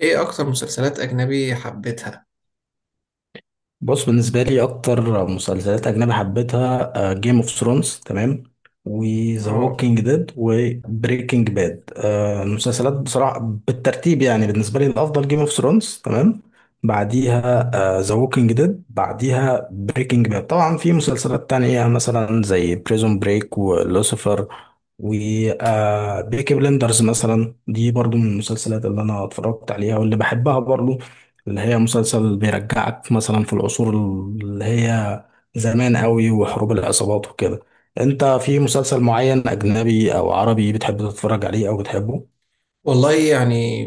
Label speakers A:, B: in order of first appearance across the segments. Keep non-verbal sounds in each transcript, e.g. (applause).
A: ايه اكتر مسلسلات اجنبي حبيتها؟
B: بص، بالنسبة لي أكتر مسلسلات أجنبي حبيتها جيم اوف ثرونز، تمام، وذا
A: اه،
B: ووكينج ديد وبريكنج باد. المسلسلات بصراحة بالترتيب يعني بالنسبة لي الأفضل جيم اوف ثرونز، تمام، بعديها ذا ووكينج ديد، بعديها بريكنج باد. طبعا في مسلسلات تانية مثلا زي بريزون بريك ولوسيفر وبيكي بلندرز مثلا، دي برضو من المسلسلات اللي أنا اتفرجت عليها واللي بحبها برضو، اللي هي مسلسل بيرجعك مثلا في العصور اللي هي زمان قوي، وحروب العصابات وكده. انت في مسلسل معين اجنبي او عربي بتحب تتفرج عليه او بتحبه؟
A: والله يعني،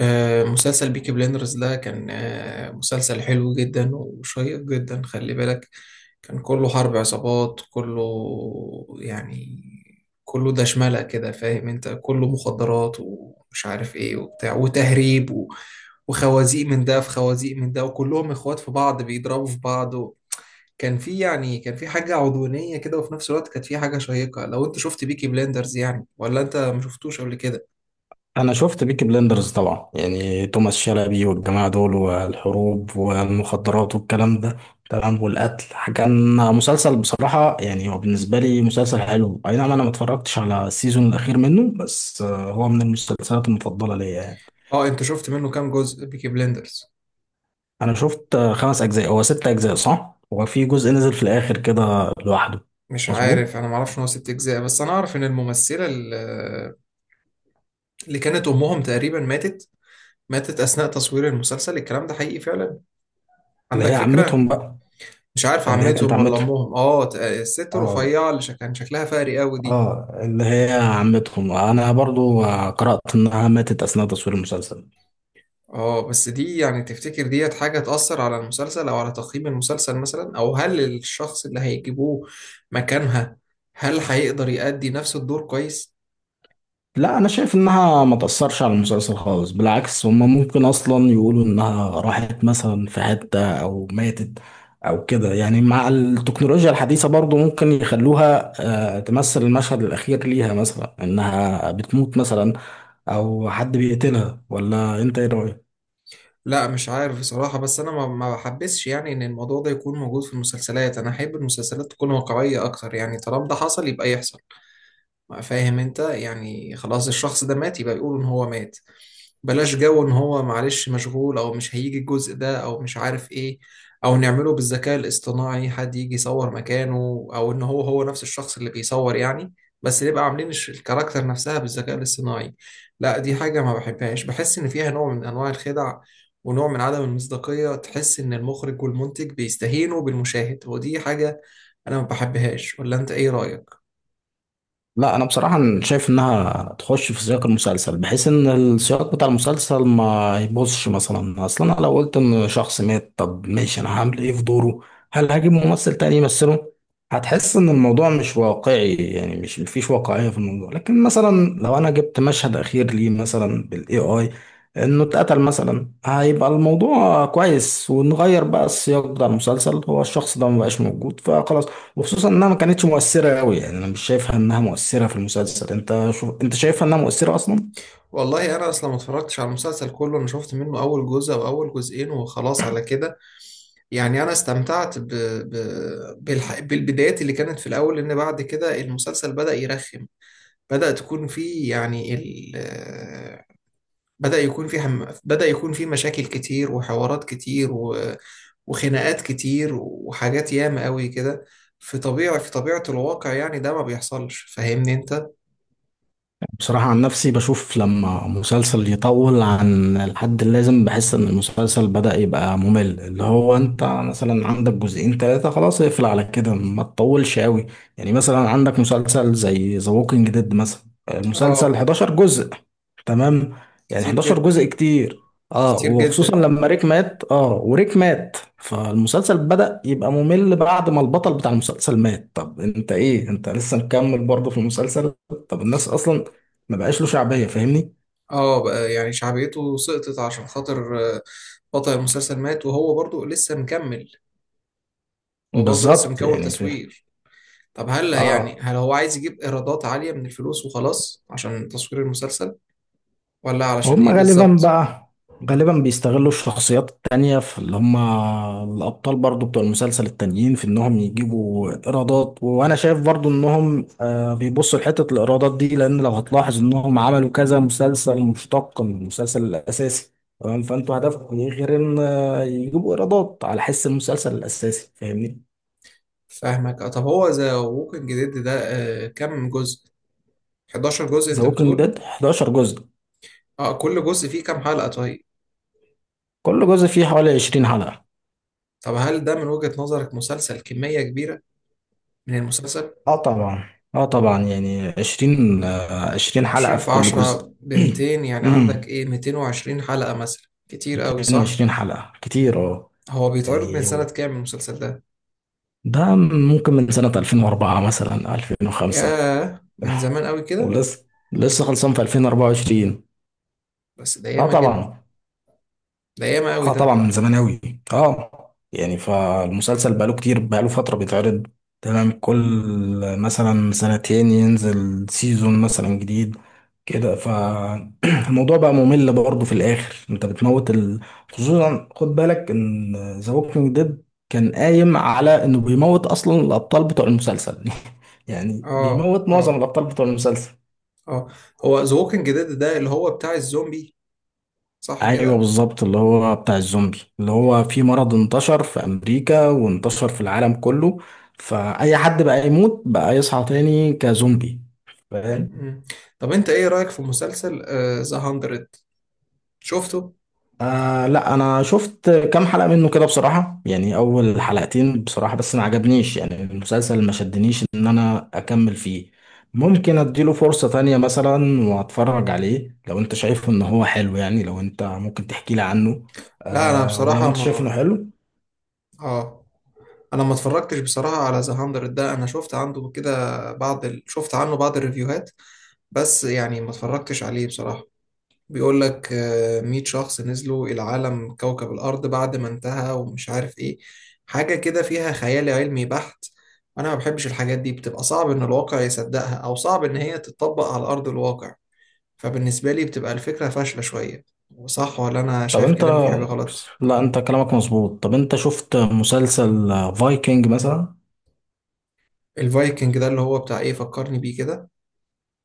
A: مسلسل بيكي بليندرز ده كان مسلسل حلو جدا وشيق جدا، خلي بالك. كان كله حرب عصابات، كله يعني، كله دشملة كده، فاهم انت، كله مخدرات ومش عارف ايه وبتاع وتهريب وخوازيق من ده، في خوازيق من ده، وكلهم اخوات في بعض بيضربوا في بعض. كان في حاجة عدوانية كده، وفي نفس الوقت كانت في حاجة شيقة. لو انت شفت بيكي بليندرز يعني، ولا انت ما شفتوش قبل كده؟
B: انا شفت بيكي بلندرز طبعا، يعني توماس شلبي والجماعة دول والحروب والمخدرات والكلام ده، تمام، والقتل. كان مسلسل بصراحة، يعني هو بالنسبة لي مسلسل حلو، اي نعم انا ما اتفرجتش على السيزون الاخير منه، بس هو من المسلسلات المفضلة ليا يعني.
A: اه، انت شفت منه كام جزء بيكي بليندرز؟
B: انا شفت خمس اجزاء، هو ست اجزاء صح، هو في جزء نزل في الاخر كده لوحده.
A: مش
B: مظبوط.
A: عارف، انا ما اعرفش ان هو ست اجزاء، بس انا اعرف ان الممثلة اللي كانت امهم تقريبا ماتت اثناء تصوير المسلسل. الكلام ده حقيقي فعلا؟
B: اللي
A: عندك
B: هي
A: فكرة؟
B: عمتهم بقى.
A: مش عارف،
B: اللي هي كانت
A: عمتهم ولا
B: عمتهم.
A: امهم. اه، الست
B: اه.
A: الرفيعة اللي كان شكلها فقري قوي دي.
B: اه، اللي هي عمتهم. انا برضو قرأت انها ماتت اثناء تصوير المسلسل.
A: اه، بس دي يعني، تفتكر ديت حاجة تأثر على المسلسل أو على تقييم المسلسل مثلا؟ أو هل الشخص اللي هيجيبوه مكانها هل هيقدر يأدي نفس الدور كويس؟
B: لا، انا شايف انها ما تأثرش على المسلسل خالص، بالعكس، هما ممكن اصلا يقولوا انها راحت مثلا في حتة او ماتت او كده، يعني مع التكنولوجيا الحديثة برضو ممكن يخلوها تمثل المشهد الاخير ليها، مثلا انها بتموت مثلا او حد بيقتلها. ولا انت ايه رأيك؟
A: لا، مش عارف بصراحة. بس أنا ما بحبسش يعني إن الموضوع ده يكون موجود في المسلسلات. أنا أحب المسلسلات تكون واقعية أكتر، يعني طالما ده حصل يبقى يحصل. فاهم انت؟ يعني خلاص الشخص ده مات، يبقى يقولوا ان هو مات. بلاش جو ان هو معلش مشغول او مش هيجي الجزء ده او مش عارف ايه. او نعمله بالذكاء الاصطناعي، حد يجي يصور مكانه، او ان هو هو نفس الشخص اللي بيصور يعني، بس نبقى عاملين الكاركتر نفسها بالذكاء الاصطناعي. لا، دي حاجة ما بحبهاش، بحس ان فيها نوع من انواع الخدع ونوع من عدم المصداقية، تحس ان المخرج والمنتج بيستهينوا بالمشاهد. ودي حاجة انا ما بحبهاش. ولا انت ايه رأيك؟
B: لا انا بصراحه شايف انها تخش في سياق المسلسل، بحيث ان السياق بتاع المسلسل ما يبوظش. مثلا اصلا انا لو قلت ان شخص مات، طب ماشي، انا هعمل ايه في دوره؟ هل هجيب ممثل تاني يمثله؟ هتحس ان الموضوع مش واقعي، يعني مش مفيش واقعيه في الموضوع. لكن مثلا لو انا جبت مشهد اخير ليه، مثلا بالاي اي، انه اتقتل مثلا، هيبقى الموضوع كويس، ونغير بقى السياق بتاع المسلسل هو الشخص ده مبقاش موجود فخلاص. وخصوصا انها ما كانتش مؤثرة قوي يعني، انا مش شايفها انها مؤثرة في المسلسل. انت شوف، انت شايفها انها مؤثرة اصلا؟
A: والله انا اصلا ما اتفرجتش على المسلسل كله، انا شفت منه اول جزء او اول جزئين وخلاص على كده. يعني انا استمتعت ب... بالبدايات اللي كانت في الاول، لان بعد كده المسلسل بدأ يرخم. بدأ تكون فيه يعني ال... آه، بدأ يكون فيه مشاكل كتير وحوارات كتير وخناقات كتير وحاجات ياما قوي كده. في طبيعة الواقع، يعني ده ما بيحصلش، فاهمني انت؟
B: بصراحة عن نفسي بشوف لما مسلسل يطول عن الحد اللازم بحس إن المسلسل بدأ يبقى ممل. اللي هو أنت مثلا عندك جزئين تلاتة، خلاص اقفل على كده، ما تطولش أوي. يعني مثلا عندك مسلسل زي ذا ووكينج ديد مثلا، المسلسل
A: اه،
B: 11 جزء، تمام، يعني
A: كتير
B: 11
A: جدا.
B: جزء كتير. اه،
A: كتير
B: وخصوصا
A: جدا.
B: لما ريك مات، اه، وريك مات فالمسلسل بدأ يبقى ممل، بعد ما البطل بتاع المسلسل مات، طب انت ايه، انت لسه مكمل برضه في المسلسل؟ طب الناس اصلا ما بقاش له شعبية، فاهمني؟
A: اه بقى، يعني شعبيته سقطت عشان خاطر بطل المسلسل مات، وهو برضو لسه مكمل. هو برضو لسه
B: بالظبط،
A: مكول
B: يعني فاهم.
A: تصوير. طب هل يعني،
B: اه،
A: هل هو عايز يجيب ايرادات عالية من الفلوس وخلاص عشان تصوير المسلسل؟ ولا علشان
B: هم
A: ايه
B: غالبا
A: بالظبط؟
B: بقى، غالبا بيستغلوا الشخصيات التانية في اللي هم الأبطال برضو بتوع المسلسل التانيين في إنهم يجيبوا إيرادات. وأنا شايف برضو إنهم بيبصوا لحتة الإيرادات دي، لأن لو هتلاحظ إنهم عملوا كذا مسلسل مشتق من المسلسل الأساسي، تمام، فأنتوا هدفكم إيه غير إن يجيبوا إيرادات على حس المسلسل الأساسي، فاهمني؟
A: فاهمك. طب هو ذا ووكينج ديد ده كم جزء؟ 11 جزء
B: ذا
A: انت
B: ووكينج
A: بتقول؟
B: ديد 11 جزء.
A: اه، كل جزء فيه كام حلقة طيب؟
B: كل جزء فيه حوالي 20 حلقة.
A: طب هل ده من وجهة نظرك مسلسل كمية كبيرة من المسلسل؟
B: اه طبعا. اه طبعا، يعني عشرين، عشرين حلقة
A: عشرين في
B: في كل جزء.
A: عشرة
B: (clears throat)
A: بمتين، يعني عندك
B: امم
A: ايه، ميتين وعشرين حلقة مثلا، كتير قوي صح؟
B: 220 حلقة كتير، اه.
A: هو بيتعرض من
B: يعني
A: سنة كام المسلسل ده؟
B: ده ممكن من سنة 2004 مثلا، 2005.
A: ياه، من
B: (laughs)
A: زمان قوي كده.
B: ولسه، خلصان في 2024.
A: بس ده
B: اه
A: ياما جدا.
B: طبعا.
A: ده ياما قوي
B: اه
A: ده.
B: طبعا، من زمان اوي. اه، يعني فالمسلسل بقاله فترة بيتعرض، تمام، كل مثلا سنتين ينزل سيزون مثلا جديد كده. فالموضوع (clears throat) بقى ممل برضه في الاخر، انت بتموت ال... خصوصا خد بالك ان ذا ووكينج ديد كان قايم على انه بيموت اصلا الابطال بتوع المسلسل، (laughs) يعني
A: اه،
B: بيموت معظم
A: اه،
B: الابطال بتوع المسلسل.
A: اه. هو ذا ووكينج ديد ده اللي هو بتاع الزومبي، صح
B: ايوه
A: كده؟
B: بالظبط، اللي هو بتاع الزومبي، اللي هو في مرض انتشر في امريكا وانتشر في العالم كله، فاي حد بقى يموت بقى يصحى تاني كزومبي، فاهم.
A: مم. طب انت ايه رأيك في مسلسل ذا هاندرد؟ شفته؟
B: آه لا، انا شفت كام حلقة منه كده بصراحة، يعني اول حلقتين بصراحة بس، ما عجبنيش، يعني المسلسل ما شدنيش ان انا اكمل فيه. ممكن اديله فرصة تانية مثلا واتفرج عليه لو انت شايف ان هو حلو، يعني لو انت ممكن تحكي لي عنه
A: لا، انا
B: آه، ولو
A: بصراحة
B: انت شايف انه
A: ما
B: حلو.
A: اه انا ما اتفرجتش بصراحه على ذا 100 ده. انا شفت عنده كده بعض شفت عنه بعض الريفيوهات، بس يعني ما اتفرجتش عليه بصراحه. بيقول لك 100 شخص نزلوا العالم كوكب الارض بعد ما انتهى ومش عارف ايه، حاجه كده فيها خيال علمي بحت. انا ما بحبش الحاجات دي، بتبقى صعب ان الواقع يصدقها او صعب ان هي تتطبق على ارض الواقع. فبالنسبه لي بتبقى الفكره فاشله شويه. صح؟ ولا انا
B: طب
A: شايف
B: انت
A: كلامي فيه حاجه غلط؟
B: لا، انت كلامك مظبوط. طب انت شفت مسلسل فايكنج مثلا؟
A: الفايكنج ده اللي هو بتاع ايه؟ فكرني بيه كده.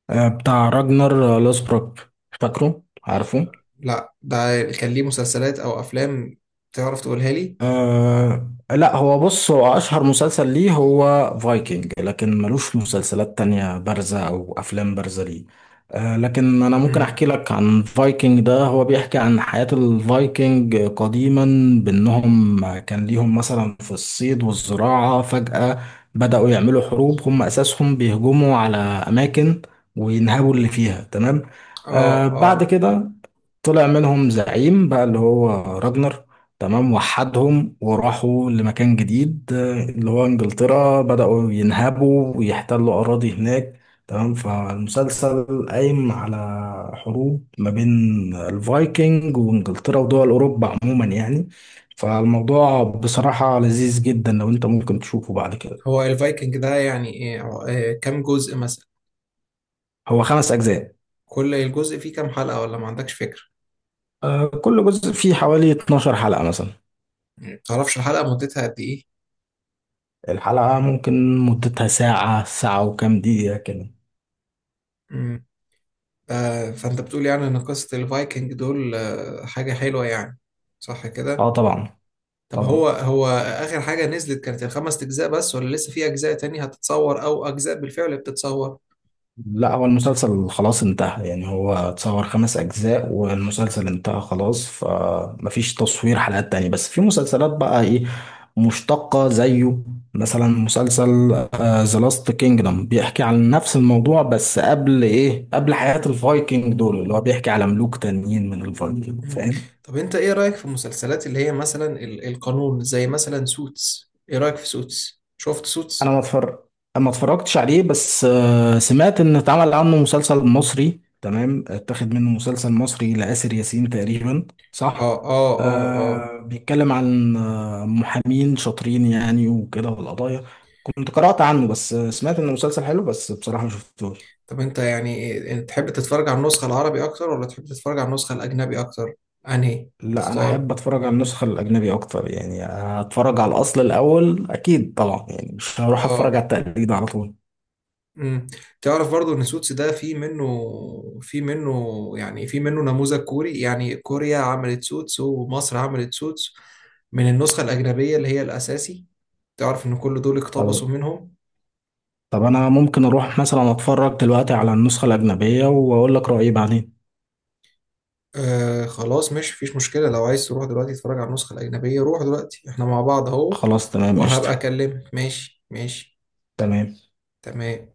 B: بتاع راجنر لوسبروك، فاكره، عارفه؟
A: لا ده كان ليه مسلسلات او افلام؟ تعرف تقولها لي؟
B: أه لا، هو بص، هو أشهر مسلسل ليه هو فايكنج، لكن ملوش مسلسلات تانية بارزة أو أفلام بارزة ليه. أه، لكن أنا ممكن
A: امم.
B: أحكي لك عن فايكنج ده. هو بيحكي عن حياة الفايكنج قديما، بأنهم كان ليهم مثلا في الصيد والزراعة، فجأة بدأوا يعملوا حروب، هم أساسهم بيهجموا على أماكن وينهبوا اللي فيها، تمام.
A: اه،
B: أه، بعد
A: اه.
B: كده طلع منهم زعيم بقى اللي هو راجنر، تمام، وحدهم وراحوا لمكان جديد اللي هو انجلترا، بدأوا ينهبوا ويحتلوا أراضي هناك، تمام. فالمسلسل قايم على حروب ما بين الفايكنج وانجلترا ودول أوروبا عموما يعني. فالموضوع بصراحة لذيذ جدا، لو انت ممكن تشوفه بعد كده.
A: هو الفايكنج ده يعني ايه، كام جزء مثلا؟
B: هو خمس أجزاء.
A: كل الجزء فيه كام حلقة، ولا ما عندكش فكرة؟
B: كل جزء فيه حوالي 12 حلقة مثلا.
A: مم. تعرفش الحلقة مدتها قد ايه؟
B: الحلقة ممكن مدتها ساعة، ساعة وكام دقيقة كده.
A: امم. فانت بتقول يعني ان قصة الفايكنج دول حاجة حلوة يعني، صح
B: اه
A: كده؟
B: طبعا.
A: طب هو
B: طبعا.
A: هو اخر حاجة نزلت كانت الخمس اجزاء بس، ولا لسه في اجزاء تاني هتتصور او اجزاء بالفعل بتتصور؟
B: لا، هو المسلسل خلاص انتهى يعني، هو اتصور خمس أجزاء والمسلسل انتهى خلاص، فمفيش تصوير حلقات تانية. بس في مسلسلات بقى ايه، مشتقة زيه، مثلا مسلسل ذا لاست كينجدم، بيحكي عن نفس الموضوع، بس قبل ايه، قبل حياة الفايكنج دول، اللي هو بيحكي على ملوك تانيين من الفايكنج،
A: مم.
B: فاهم.
A: طب انت ايه رأيك في المسلسلات اللي هي مثلا القانون، زي مثلا سوتس؟ ايه رأيك في سوتس؟ شفت
B: انا
A: سوتس؟
B: ما اتفرج ما اتفرجتش عليه، بس سمعت ان اتعمل عنه مسلسل مصري، تمام، اتاخد منه مسلسل مصري لآسر ياسين تقريبا،
A: اه،
B: صح.
A: اه، اه، اه.
B: آه، بيتكلم عن محامين شاطرين يعني وكده، والقضايا. كنت قرأت عنه بس، سمعت انه مسلسل حلو، بس بصراحة ما شفتوش.
A: طب انت تحب تتفرج على النسخة العربي اكتر، ولا تحب تتفرج على النسخة الاجنبي اكتر؟ انهي
B: لا، انا
A: تختار؟
B: احب اتفرج على النسخة الأجنبي اكتر يعني، اتفرج على الأصل الأول اكيد طبعا، يعني مش هروح اتفرج
A: اه.
B: على التقليد على طول.
A: امم. تعرف برضو ان سوتس ده في منه نموذج كوري، يعني كوريا عملت سوتس ومصر عملت سوتس من النسخة الأجنبية اللي هي الأساسي. تعرف إن كل دول اقتبسوا
B: طب
A: منهم؟
B: طب انا ممكن اروح مثلا اتفرج دلوقتي على النسخة الأجنبية واقول لك رأيي بعدين.
A: آه، خلاص، مش فيش مشكلة. لو عايز تروح دلوقتي تتفرج على النسخة الأجنبية روح دلوقتي، احنا مع بعض اهو.
B: خلاص تمام، قشطة.
A: وهبقى أكلمك. ماشي ماشي.
B: تمام.
A: تمام.